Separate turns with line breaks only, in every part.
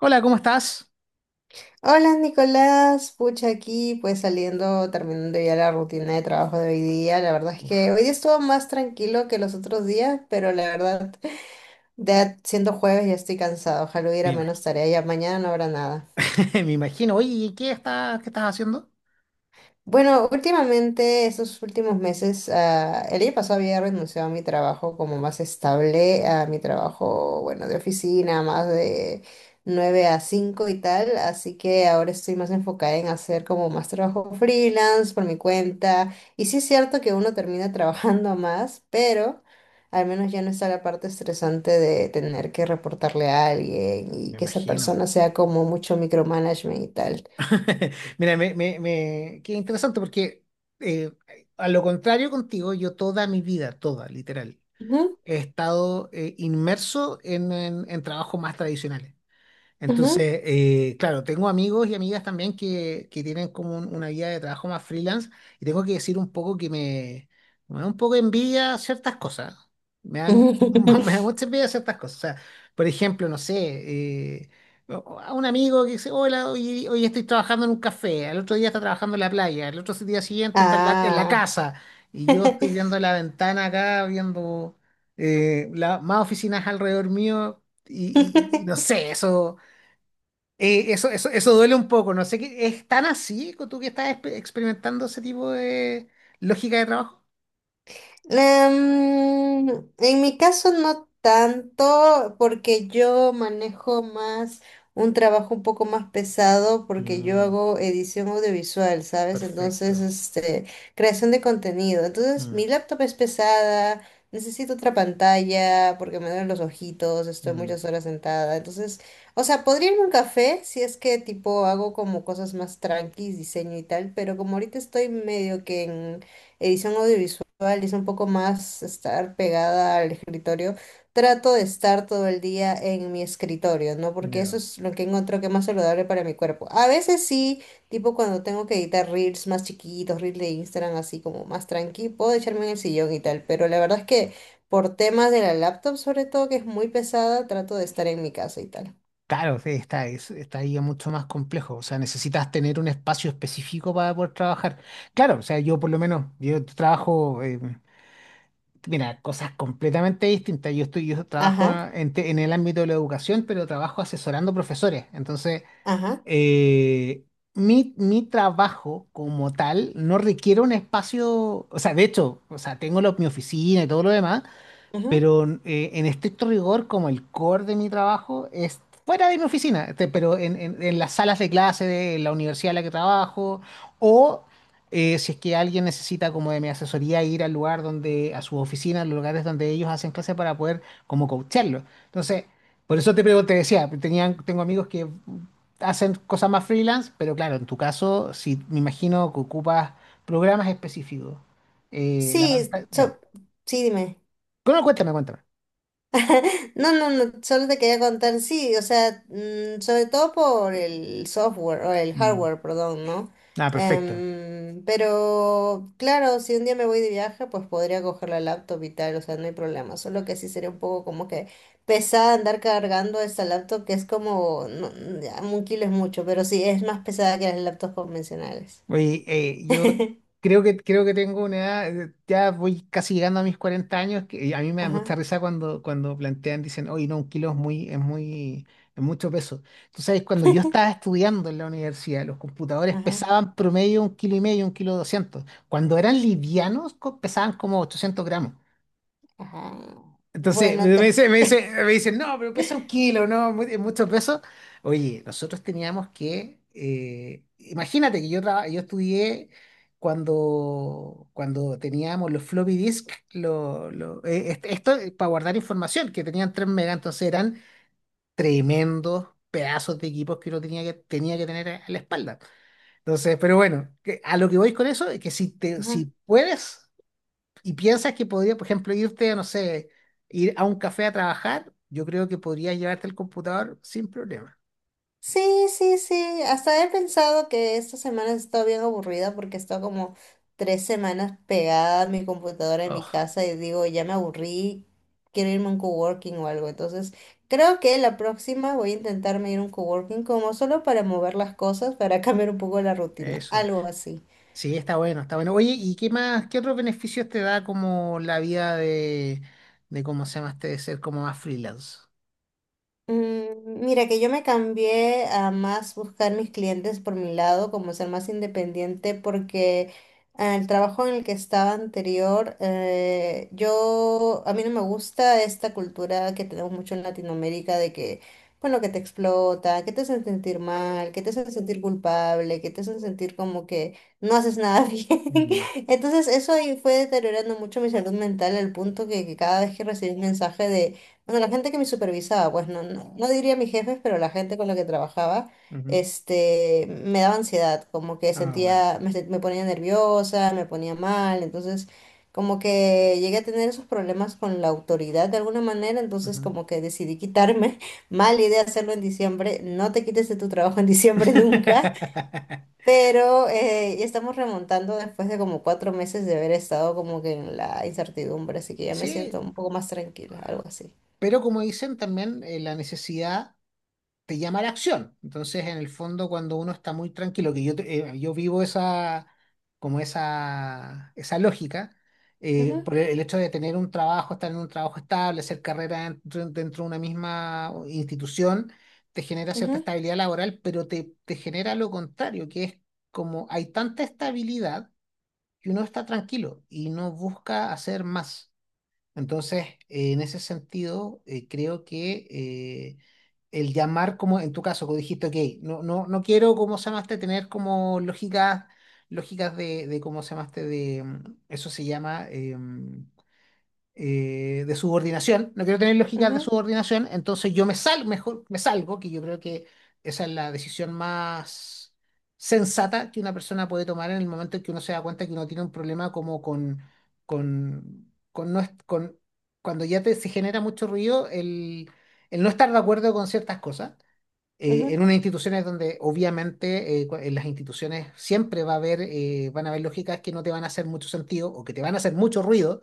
Hola, ¿cómo estás?
Hola Nicolás, pucha aquí, pues saliendo, terminando ya la rutina de trabajo de hoy día. La verdad es
Uf,
que hoy día estuvo más tranquilo que los otros días, pero la verdad, ya siendo jueves ya estoy cansado. Ojalá
me
hubiera menos
imagino.
tarea, ya mañana no habrá nada.
Me imagino. Oye, ¿qué estás haciendo?
Bueno, últimamente, estos últimos meses, el año pasado había renunciado a mi trabajo como más estable, a mi trabajo, bueno, de oficina, más de 9 a 5 y tal, así que ahora estoy más enfocada en hacer como más trabajo freelance por mi cuenta. Y sí es cierto que uno termina trabajando más, pero al menos ya no está la parte estresante de tener que reportarle a alguien y
Me
que esa
imagino.
persona sea como mucho micromanagement y tal.
Mira, qué interesante porque eh, a lo contrario contigo, yo toda mi vida, toda, literal,
Ujú,
he estado inmerso en trabajos más tradicionales.
ujú.
Entonces, claro, tengo amigos y amigas también que tienen como una vida de trabajo más freelance y tengo que decir un poco que me da un poco de envidia ciertas cosas. Me da, mu- me da mucha envidia ciertas cosas. O sea, por ejemplo, no sé, eh, a un amigo que dice, hola, hoy estoy trabajando en un café, al otro día está trabajando en la playa, al otro día siguiente está en la
Ah.
casa y yo estoy viendo la ventana acá, viendo más oficinas alrededor mío y no sé, eso. Eso duele un poco, no sé qué. ¿Es tan así tú que estás experimentando ese tipo de lógica de trabajo?
Em, en mi caso no tanto, porque yo manejo más un trabajo un poco más pesado, porque yo
Mm,
hago edición audiovisual, ¿sabes? Entonces,
perfecto.
este, creación de contenido. Entonces,
Mm.
mi laptop es pesada, necesito otra pantalla, porque me duelen los ojitos, estoy
Mm.
muchas horas sentada. Entonces, o sea, podría irme a un café si es que tipo hago como cosas más tranquis, diseño y tal, pero como ahorita estoy medio que en edición audiovisual, visual y es un poco más estar pegada al escritorio, trato de estar todo el día en mi escritorio, ¿no? Porque eso
Ya.
es lo que encuentro que es más saludable para mi cuerpo. A veces sí, tipo cuando tengo que editar reels más chiquitos, reels de Instagram así como más tranqui, puedo echarme en el sillón y tal, pero la verdad es que por temas de la laptop sobre todo, que es muy pesada, trato de estar en mi casa y tal.
Claro, sí, está ahí mucho más complejo, o sea, necesitas tener un espacio específico para poder trabajar. Claro, o sea, yo por lo menos, mira, cosas completamente distintas, yo trabajo
Ajá,
en el ámbito de la educación, pero trabajo asesorando profesores, entonces
ajá,
eh, mi trabajo como tal no requiere un espacio, o sea, de hecho, o sea, tengo mi oficina y todo lo demás,
ajá.
pero en estricto rigor, como el core de mi trabajo es fuera de mi oficina, este, pero en las salas de clase de la universidad en la que trabajo, o si es que alguien necesita como de mi asesoría ir al lugar donde, a sus oficinas, a los lugares donde ellos hacen clase para poder como coacharlo. Entonces, por eso te pregunto, te decía, tengo amigos que hacen cosas más freelance, pero claro, en tu caso, si me imagino que ocupas programas específicos, la
Sí,
pantalla, ya.
sí, dime.
Bueno,
No, no, no, solo te quería contar, sí, o sea, sobre todo por el software, o el
cuéntame.
hardware, perdón, ¿no?
Ah, perfecto.
Pero claro, si un día me voy de viaje, pues podría coger la laptop y tal, o sea, no hay problema, solo que sí sería un poco como que pesada andar cargando esta laptop, que es como, no, ya, un kilo es mucho, pero sí, es más pesada que las laptops convencionales.
Oye, yo creo que tengo una edad, ya voy casi llegando a mis 40 años, que a mí me da mucha
Ajá,
risa cuando plantean, dicen, oye, no, un kilo es es mucho peso. Tú sabes, cuando yo estaba estudiando en la universidad, los computadores
ajá,
pesaban promedio un kilo y medio, un kilo doscientos. Cuando eran livianos, pesaban como 800 gramos.
ajá.
Entonces
Bueno,
me dicen, no, pero pesa un kilo, no, es mucho peso. Oye, nosotros teníamos imagínate que yo estudié cuando teníamos los floppy disk, esto para guardar información, que tenían 3 megas, entonces eran tremendos pedazos de equipos que uno tenía que tener a la espalda. Entonces, pero bueno, a lo que voy con eso es que
ju-
si puedes y piensas que podría, por ejemplo, irte, no sé, ir a un café a trabajar, yo creo que podrías llevarte el computador sin problema.
Sí, sí, sí. Hasta he pensado que esta semana he estado bien aburrida porque he estado como 3 semanas pegada a mi computadora en mi
Oh,
casa y digo, ya me aburrí, quiero irme a un coworking o algo. Entonces, creo que la próxima voy a intentarme ir a un coworking como solo para mover las cosas, para cambiar un poco la rutina,
eso.
algo así.
Sí, está bueno, está bueno. Oye, ¿y qué más, qué otros beneficios te da como la vida de cómo se llama este, de ser como más freelance?
Mira que yo me cambié a más buscar mis clientes por mi lado, como ser más independiente, porque el trabajo en el que estaba anterior, a mí no me gusta esta cultura que tenemos mucho en Latinoamérica de que, bueno, que te explota, que te hacen sentir mal, que te hacen sentir culpable, que te hacen sentir como que no haces nada bien.
Mm.
Entonces eso ahí fue deteriorando mucho mi salud mental al punto que cada vez que recibí un mensaje de bueno, la gente que me supervisaba, pues no, no, no diría mis jefes, pero la gente con la que trabajaba,
Ujú.
este, me daba ansiedad, como que
Ah, bueno.
sentía, me ponía nerviosa, me ponía mal, entonces como que llegué a tener esos problemas con la autoridad de alguna manera, entonces
Ujú.
como que decidí quitarme, mala idea hacerlo en diciembre, no te quites de tu trabajo en diciembre nunca, pero ya estamos remontando después de como 4 meses de haber estado como que en la incertidumbre, así que ya me siento
Sí,
un poco más tranquila, algo así.
pero como dicen también, la necesidad te llama a la acción. Entonces, en el fondo, cuando uno está muy tranquilo, yo vivo esa, como esa lógica, por el hecho de tener un trabajo, estar en un trabajo estable, hacer carrera dentro de una misma institución, te genera cierta
Ajá,
estabilidad laboral, pero te genera lo contrario, que es como hay tanta estabilidad que uno está tranquilo y no busca hacer más. Entonces, en ese sentido, creo que el llamar, como en tu caso, como dijiste, ok, no, no, no quiero, como se llamaste, tener como lógicas de cómo se llamaste, eso se llama de subordinación, no quiero tener lógicas de
ajá,
subordinación, entonces mejor me salgo, que yo creo que esa es la decisión más sensata que una persona puede tomar en el momento en que uno se da cuenta que uno tiene un problema como con, no es- con- cuando ya se genera mucho ruido, el no estar de acuerdo con ciertas cosas.
ajá,
En unas instituciones donde obviamente en las instituciones siempre van a haber lógicas que no te van a hacer mucho sentido o que te van a hacer mucho ruido,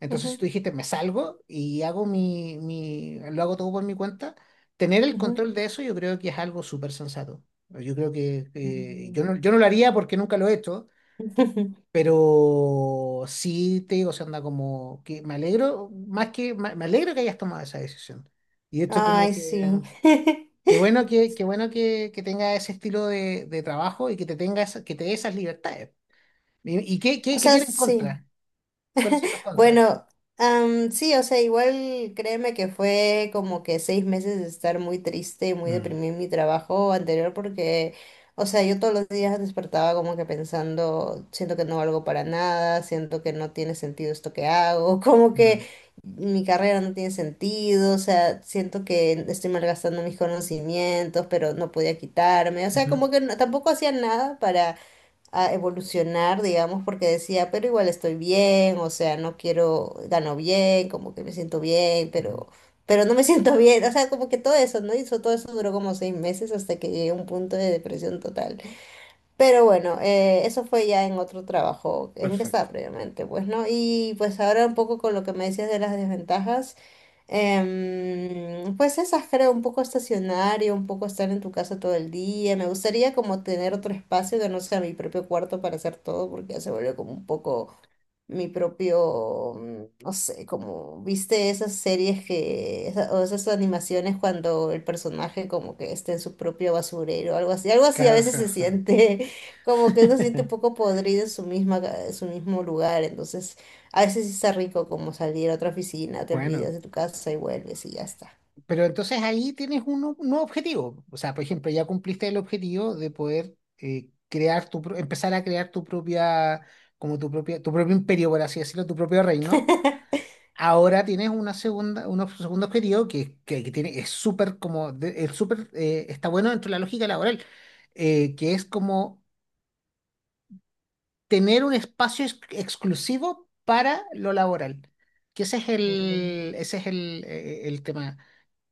entonces, si
ajá,
tú dijiste, me salgo y hago lo hago todo por mi cuenta, tener el
ajá.
control de eso yo creo que es algo súper sensato. Yo creo que
Mm.
yo no lo haría porque nunca lo he hecho, pero sí te digo, se anda como que me alegro, más que me alegro que hayas tomado esa decisión. Y esto como
Ay,
que,
sí.
qué bueno que, qué bueno que tenga ese estilo de trabajo y que te que te dé esas libertades. ¿Y
O
qué
sea,
tiene en
sí.
contra? ¿Cuáles son los contras?
Bueno, sí, o sea, igual créeme que fue como que 6 meses de estar muy triste y muy
Mm.
deprimida en mi trabajo anterior porque, o sea, yo todos los días despertaba como que pensando, siento que no valgo para nada, siento que no tiene sentido esto que hago, como
Mm.
que mi carrera no tiene sentido, o sea, siento que estoy malgastando mis conocimientos, pero no podía quitarme, o sea,
Ujú.
como que tampoco hacía nada a evolucionar, digamos, porque decía, pero igual estoy bien, o sea, no quiero, gano bien, como que me siento bien,
Ujú.
pero, no me siento bien, o sea, como que todo eso, ¿no? Y eso, todo eso duró como 6 meses hasta que llegué a un punto de depresión total. Pero bueno, eso fue ya en otro trabajo en que estaba
Perfecto.
previamente, pues, ¿no? Y pues ahora un poco con lo que me decías de las desventajas, pues esas creo, un poco estacionario, un poco estar en tu casa todo el día. Me gustaría como tener otro espacio que no sea mi propio cuarto para hacer todo, porque ya se volvió como un poco mi propio, no sé, como viste esas series que, o esas animaciones cuando el personaje como que está en su propio basurero, algo así a veces se
Caja.
siente como que uno se siente un poco podrido en su mismo lugar, entonces a veces sí está rico como salir a otra oficina, te olvidas
Bueno,
de tu casa y vuelves y ya está.
pero entonces ahí tienes un nuevo objetivo. O sea, por ejemplo, ya cumpliste el objetivo de poder empezar a crear tu propia, como tu propio imperio, por así decirlo, tu propio reino. Ahora tienes una segunda, un ob- segundo objetivo es súper como, es súper, está bueno dentro de la lógica laboral, que es como tener un espacio exclusivo para lo laboral. Que
Mm.
ese es el tema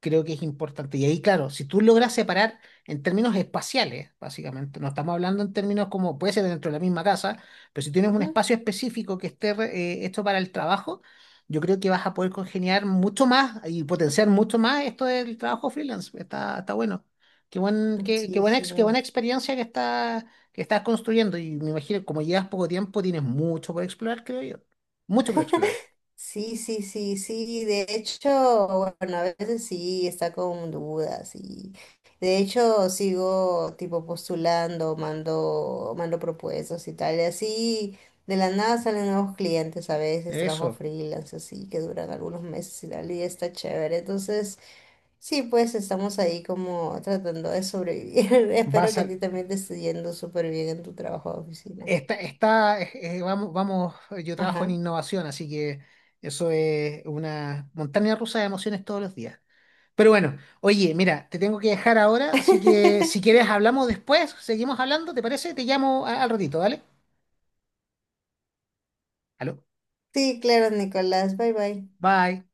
creo que es importante. Y ahí, claro, si tú logras separar en términos espaciales, básicamente, no estamos hablando en términos como puede ser dentro de la misma casa, pero si tienes un
Ujú.
espacio específico que esté hecho para el trabajo, yo creo que vas a poder congeniar mucho más y potenciar mucho más esto del trabajo freelance. Está bueno. Qué buen, qué, qué
Sí,
buena,
sí.
ex- qué buena experiencia que estás construyendo. Y me imagino, como llevas poco tiempo, tienes mucho por explorar, creo yo. Mucho por explorar.
Sí, sí, sí, sí. De hecho, bueno, a veces sí está con dudas y de hecho sigo tipo postulando, mando propuestas y tal. Y así de la nada salen nuevos clientes a veces, trabajo
Eso.
freelance así que duran algunos meses y tal y está chévere. Entonces, sí, pues estamos ahí como tratando de sobrevivir. Espero
Vas
que a
a,
ti también te esté yendo súper bien en tu trabajo de oficina.
Está, está, eh, vamos, vamos, yo trabajo en
Ajá.
innovación, así que eso es una montaña rusa de emociones todos los días. Pero bueno, oye, mira, te tengo que dejar ahora, así que si quieres hablamos después, seguimos hablando, ¿te parece? Te llamo al ratito, ¿vale? Aló,
Sí, claro, Nicolás. Bye bye.
bye.